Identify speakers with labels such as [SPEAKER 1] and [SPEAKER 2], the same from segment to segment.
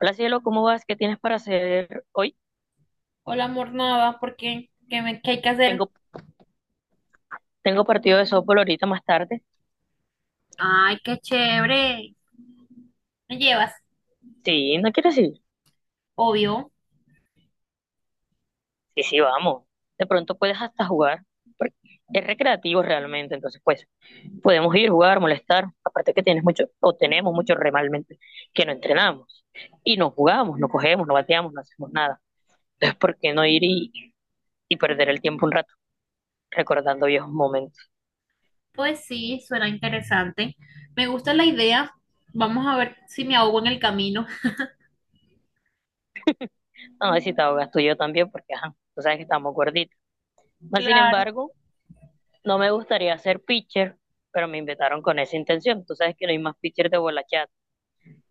[SPEAKER 1] Hola, cielo, ¿cómo vas? ¿Qué tienes para hacer hoy?
[SPEAKER 2] Hola, amor, nada, ¿por qué? ¿Qué, qué hay que hacer?
[SPEAKER 1] Tengo, tengo partido de softball ahorita más tarde.
[SPEAKER 2] Ay, qué chévere. ¿Me llevas?
[SPEAKER 1] Sí, ¿no quieres ir?
[SPEAKER 2] Obvio.
[SPEAKER 1] Sí, sí, vamos. De pronto puedes hasta jugar, porque es recreativo realmente, entonces pues podemos ir, jugar, molestar. Aparte que tienes mucho, o tenemos mucho realmente, que no entrenamos. Y no jugamos, no cogemos, no bateamos, no hacemos nada. Entonces, ¿por qué no ir y perder el tiempo un rato recordando viejos momentos?
[SPEAKER 2] Pues sí, suena interesante. Me gusta la idea. Vamos a ver si me ahogo en el camino.
[SPEAKER 1] No, si te ahogas tú y yo también, porque ajá, tú sabes que estamos gorditos. Más sin
[SPEAKER 2] Claro.
[SPEAKER 1] embargo, no me gustaría ser pitcher, pero me invitaron con esa intención. Tú sabes que no hay más pitcher de bola chat.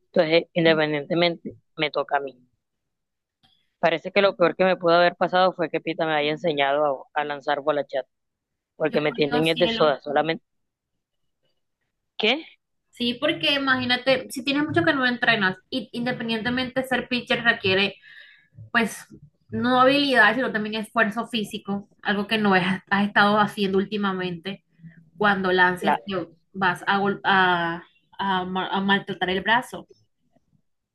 [SPEAKER 1] Entonces,
[SPEAKER 2] Sí.
[SPEAKER 1] independientemente, me toca a mí. Parece que lo peor que me pudo haber pasado fue que Pita me haya enseñado a lanzar bola chat,
[SPEAKER 2] Yo
[SPEAKER 1] porque me
[SPEAKER 2] creo,
[SPEAKER 1] tienen es de soda
[SPEAKER 2] cielo.
[SPEAKER 1] solamente. que
[SPEAKER 2] Sí, porque imagínate, si tienes mucho que no entrenas, y independientemente ser pitcher requiere, pues, no habilidad, sino también esfuerzo físico, algo que no has estado haciendo últimamente. Cuando lances
[SPEAKER 1] La,
[SPEAKER 2] te vas a, gol- a ma- a maltratar el brazo.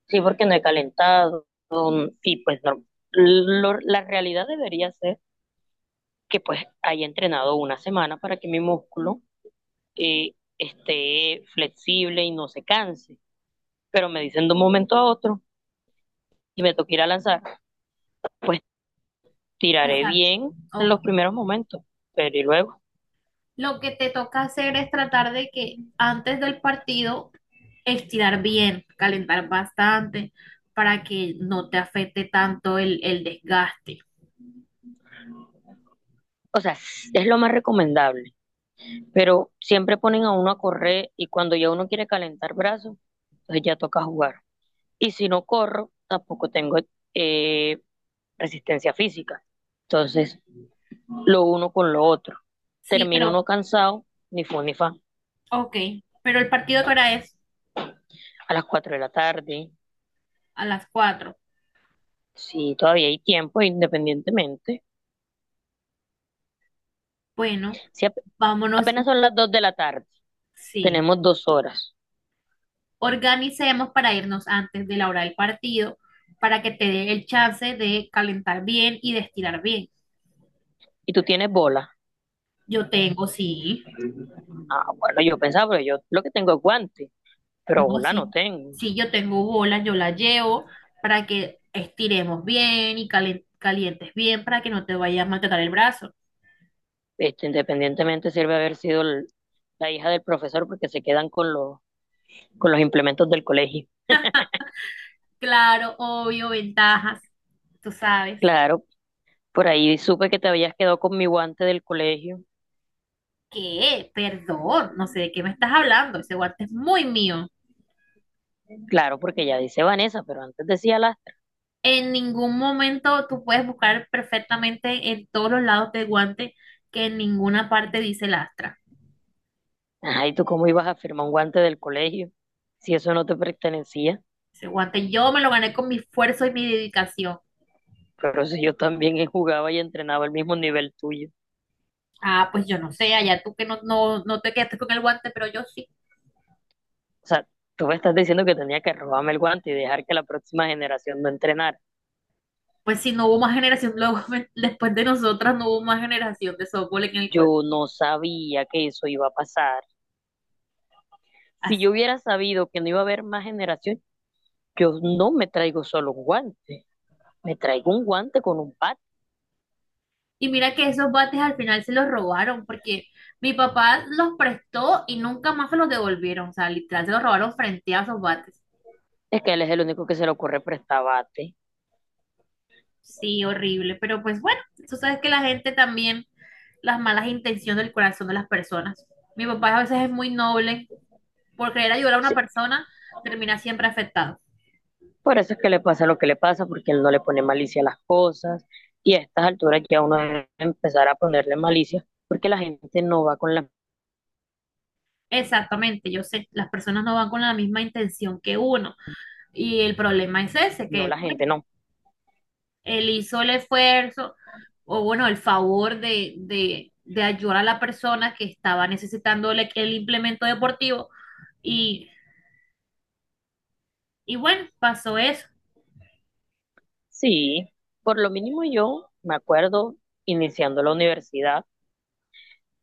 [SPEAKER 1] sí, porque no he calentado. Y pues no, la realidad debería ser que pues haya entrenado una semana para que mi músculo esté flexible y no se canse. Pero me dicen de un momento a otro y me toca ir a lanzar, pues tiraré
[SPEAKER 2] Exacto.
[SPEAKER 1] bien
[SPEAKER 2] Ok.
[SPEAKER 1] los primeros momentos, pero y luego.
[SPEAKER 2] Lo que te toca hacer es tratar de que antes del partido estirar bien, calentar bastante para que no te afecte tanto el desgaste.
[SPEAKER 1] O sea, es lo más recomendable, pero siempre ponen a uno a correr y cuando ya uno quiere calentar brazos, entonces ya toca jugar. Y si no corro, tampoco tengo eh, resistencia física. Entonces, lo uno con lo otro.
[SPEAKER 2] Sí,
[SPEAKER 1] Termina uno
[SPEAKER 2] pero,
[SPEAKER 1] cansado, ni fu ni fa,
[SPEAKER 2] ok, pero el partido que ahora es
[SPEAKER 1] a las 4 de la tarde,
[SPEAKER 2] a las 4.
[SPEAKER 1] si todavía hay tiempo, independientemente.
[SPEAKER 2] Bueno,
[SPEAKER 1] Si ap-
[SPEAKER 2] vámonos.
[SPEAKER 1] Apenas son las 2 de la tarde,
[SPEAKER 2] Sí.
[SPEAKER 1] tenemos 2 horas
[SPEAKER 2] Organicemos para irnos antes de la hora del partido, para que te dé el chance de calentar bien y de estirar bien.
[SPEAKER 1] y tú tienes bola.
[SPEAKER 2] Yo tengo, sí,
[SPEAKER 1] Ah, bueno, yo pensaba, pero yo lo que tengo es guante, pero
[SPEAKER 2] no,
[SPEAKER 1] bola no
[SPEAKER 2] sí,
[SPEAKER 1] tengo.
[SPEAKER 2] sí, yo tengo bolas, yo las llevo para que estiremos bien y calientes bien para que no te vayas a maltratar el brazo.
[SPEAKER 1] Este, independientemente sirve haber sido la hija del profesor porque se quedan con con los implementos del colegio.
[SPEAKER 2] Claro, obvio, ventajas, tú sabes.
[SPEAKER 1] Claro, por ahí supe que te habías quedado con mi guante del colegio.
[SPEAKER 2] ¿Qué? Perdón, no sé de qué me estás hablando, ese guante es muy mío.
[SPEAKER 1] Claro, porque ya dice Vanessa, pero antes decía la...
[SPEAKER 2] En ningún momento tú puedes buscar perfectamente en todos los lados del guante que en ninguna parte dice lastra.
[SPEAKER 1] Ajá, ¿y tú cómo ibas a firmar un guante del colegio si eso no te pertenecía?
[SPEAKER 2] Ese guante yo me lo gané con mi esfuerzo y mi dedicación.
[SPEAKER 1] Pero si yo también jugaba y entrenaba al mismo nivel tuyo.
[SPEAKER 2] Ah, pues yo no sé, allá tú que no, no, no te quedaste con el guante, pero yo sí.
[SPEAKER 1] O sea, tú me estás diciendo que tenía que robarme el guante y dejar que la próxima generación no entrenara.
[SPEAKER 2] Pues si no hubo más generación, luego después de nosotras no hubo más generación de softball en el colegio.
[SPEAKER 1] Yo no sabía que eso iba a pasar. Si
[SPEAKER 2] Así.
[SPEAKER 1] yo hubiera sabido que no iba a haber más generación, yo no me traigo solo un guante, me traigo un guante con un bate.
[SPEAKER 2] Y mira que esos bates al final se los robaron porque mi papá los prestó y nunca más se los devolvieron. O sea, literal se los robaron frente a esos bates.
[SPEAKER 1] Es que él es el único que se le ocurre prestar bate.
[SPEAKER 2] Sí, horrible, pero pues bueno, tú sabes que la gente también, las malas intenciones del corazón de las personas. Mi papá a veces es muy noble, por querer ayudar a una
[SPEAKER 1] Sí,
[SPEAKER 2] persona, termina siempre afectado.
[SPEAKER 1] por eso es que le pasa lo que le pasa, porque él no le pone malicia a las cosas. Y a estas alturas ya uno debe empezar a ponerle malicia, porque la gente no va con la...
[SPEAKER 2] Exactamente, yo sé, las personas no van con la misma intención que uno. Y el problema es ese,
[SPEAKER 1] No,
[SPEAKER 2] que
[SPEAKER 1] la
[SPEAKER 2] bueno,
[SPEAKER 1] gente no.
[SPEAKER 2] él hizo el esfuerzo o bueno, el favor de ayudar a la persona que estaba necesitando el implemento deportivo. Y, y bueno, pasó eso.
[SPEAKER 1] Sí, por lo mínimo yo me acuerdo iniciando la universidad,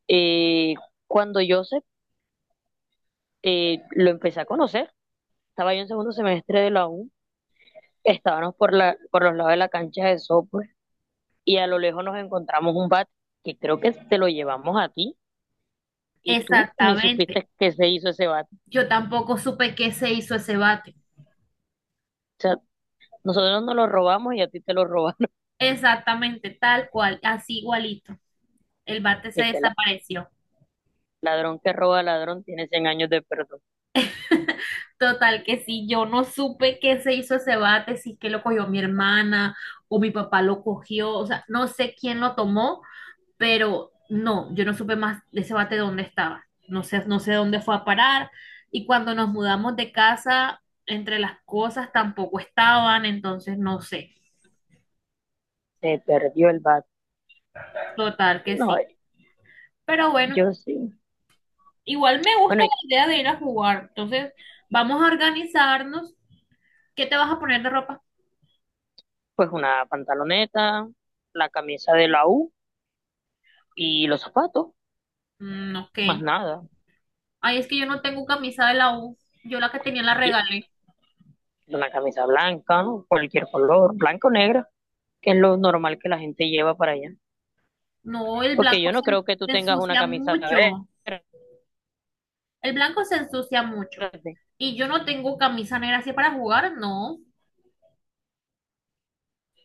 [SPEAKER 1] eh, cuando yo sé lo empecé a conocer. Estaba yo en segundo semestre de la U, estábamos por, por los lados de la cancha de software y a lo lejos nos encontramos un bat que creo que te lo llevamos a ti y tú ni
[SPEAKER 2] Exactamente.
[SPEAKER 1] supiste que se hizo ese bat. O
[SPEAKER 2] Yo tampoco supe qué se hizo ese bate.
[SPEAKER 1] sea, nosotros nos lo robamos y a ti te lo robaron.
[SPEAKER 2] Exactamente, tal cual, así igualito. El bate se
[SPEAKER 1] Este la-
[SPEAKER 2] desapareció.
[SPEAKER 1] Ladrón que roba ladrón tiene 100 años de perdón.
[SPEAKER 2] Total, que sí, yo no supe qué se hizo ese bate, si es que lo cogió mi hermana o mi papá lo cogió, o sea, no sé quién lo tomó, pero no, yo no supe más de ese bate dónde estaba. No sé, no sé dónde fue a parar. Y cuando nos mudamos de casa, entre las cosas tampoco estaban, entonces no sé.
[SPEAKER 1] Se perdió el bat.
[SPEAKER 2] Total, que
[SPEAKER 1] No,
[SPEAKER 2] sí. Pero bueno.
[SPEAKER 1] yo sí.
[SPEAKER 2] Igual me
[SPEAKER 1] Bueno,
[SPEAKER 2] gusta
[SPEAKER 1] y
[SPEAKER 2] la idea de ir a jugar. Entonces, vamos a organizarnos. ¿Qué te vas a poner de ropa?
[SPEAKER 1] pues una pantaloneta, la camisa de la U y los zapatos,
[SPEAKER 2] Mm, ok.
[SPEAKER 1] más nada.
[SPEAKER 2] Ay, es que yo no tengo camisa de la U. Yo la que tenía la regalé.
[SPEAKER 1] Una camisa blanca, cualquier color, blanco o negra, que es lo normal que la gente lleva para allá.
[SPEAKER 2] No, el
[SPEAKER 1] Porque yo
[SPEAKER 2] blanco
[SPEAKER 1] no
[SPEAKER 2] se,
[SPEAKER 1] creo que tú
[SPEAKER 2] se
[SPEAKER 1] tengas una
[SPEAKER 2] ensucia
[SPEAKER 1] camisa verde,
[SPEAKER 2] mucho. El blanco se ensucia mucho. Y yo no tengo camisa negra así para jugar, no.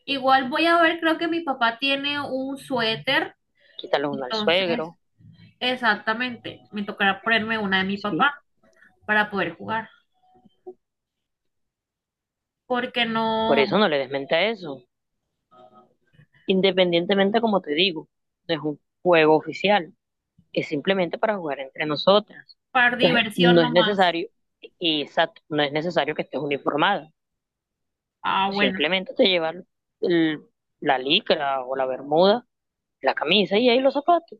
[SPEAKER 2] Igual voy a ver, creo que mi papá tiene un suéter.
[SPEAKER 1] quítale una al
[SPEAKER 2] Entonces,
[SPEAKER 1] suegro,
[SPEAKER 2] exactamente. Me tocará ponerme una de mi
[SPEAKER 1] ¿sí?
[SPEAKER 2] papá para poder jugar. Porque
[SPEAKER 1] Por eso
[SPEAKER 2] no.
[SPEAKER 1] no le desmente a eso. Independientemente, como te digo, no es un juego oficial, es simplemente para jugar entre nosotras.
[SPEAKER 2] Para
[SPEAKER 1] Entonces,
[SPEAKER 2] diversión
[SPEAKER 1] no es
[SPEAKER 2] nomás.
[SPEAKER 1] necesario, exacto, no es necesario que estés uniformada.
[SPEAKER 2] Ah, bueno.
[SPEAKER 1] Simplemente te llevas el- la licra o la bermuda, la camisa y ahí los zapatos.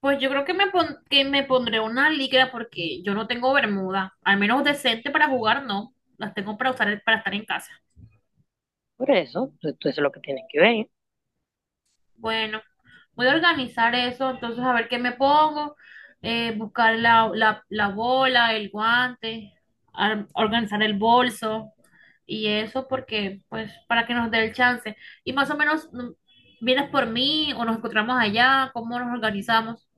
[SPEAKER 2] Pues yo creo que me pondré una licra porque yo no tengo bermuda. Al menos decente para jugar, no. Las tengo para usar para estar en casa.
[SPEAKER 1] Por eso, pues, tú eso es lo que tienes que ver.
[SPEAKER 2] Bueno, voy a organizar eso. Entonces, a ver qué me pongo. Buscar la bola, el guante, organizar el bolso y eso porque, pues, para que nos dé el chance. Y más o menos, ¿vienes por mí o nos encontramos allá? ¿Cómo nos organizamos?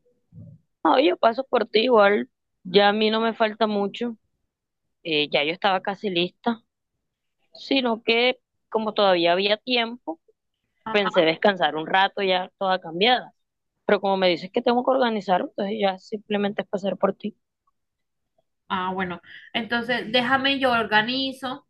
[SPEAKER 1] No, yo paso por ti igual, ya a mí no me falta mucho, ya yo estaba casi lista, sino que como todavía había tiempo, pensé descansar un rato ya toda cambiada. Pero como me dices que tengo que organizar, entonces ya simplemente es pasar por ti.
[SPEAKER 2] Ah, bueno, entonces déjame yo organizo.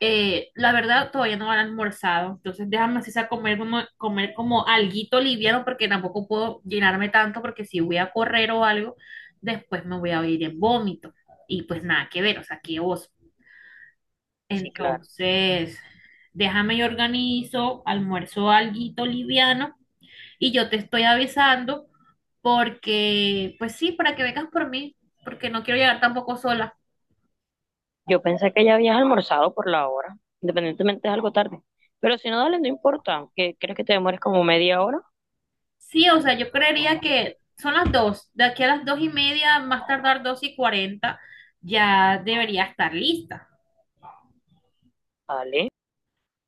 [SPEAKER 2] La verdad, todavía no han almorzado, entonces déjame así sea comer como alguito liviano porque tampoco puedo llenarme tanto porque si voy a correr o algo, después me voy a ir en vómito y pues nada que ver, o sea, qué oso.
[SPEAKER 1] Sí, claro.
[SPEAKER 2] Entonces, déjame yo organizo, almuerzo alguito liviano y yo te estoy avisando porque, pues sí, para que vengas por mí, porque no quiero llegar tampoco sola.
[SPEAKER 1] Yo pensé que ya habías almorzado por la hora, independientemente es algo tarde. Pero si no, dale, no importa. ¿Qué, crees que te demores como media hora?
[SPEAKER 2] Sí, o sea, yo creería que son las 2. De aquí a las 2:30, más tardar 2:40, ya debería estar lista.
[SPEAKER 1] Dale.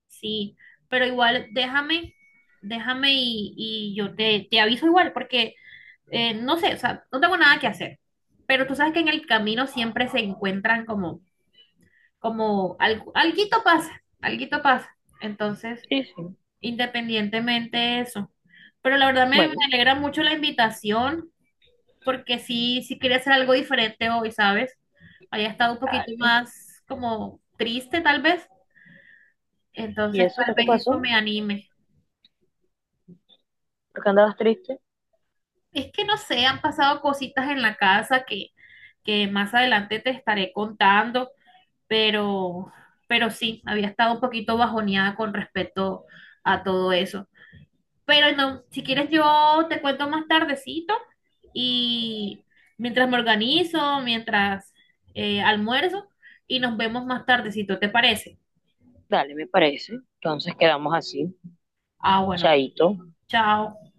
[SPEAKER 2] Sí, pero igual déjame y yo te aviso igual, porque no sé, o sea, no tengo nada que hacer. Pero tú sabes que en el camino siempre se encuentran como alguito pasa, alguito pasa. Entonces,
[SPEAKER 1] Sí, sí.
[SPEAKER 2] independientemente de eso. Pero la verdad me
[SPEAKER 1] Bueno,
[SPEAKER 2] alegra mucho la invitación. Porque sí, sí quería hacer algo diferente hoy, ¿sabes? Había estado un poquito
[SPEAKER 1] dale.
[SPEAKER 2] más como triste tal vez,
[SPEAKER 1] ¿Y
[SPEAKER 2] entonces
[SPEAKER 1] eso qué
[SPEAKER 2] tal
[SPEAKER 1] te
[SPEAKER 2] vez esto
[SPEAKER 1] pasó?
[SPEAKER 2] me anime.
[SPEAKER 1] ¿Por qué andabas triste?
[SPEAKER 2] Es que no sé, han pasado cositas en la casa que más adelante te estaré contando, pero, pero sí, había estado un poquito bajoneada con respecto a todo eso. Pero no, si quieres yo te cuento más tardecito y mientras me organizo, mientras almuerzo y nos vemos más tardecito, ¿te parece?
[SPEAKER 1] Dale, me parece. Entonces quedamos así.
[SPEAKER 2] Ah, bueno,
[SPEAKER 1] Chaito.
[SPEAKER 2] chao.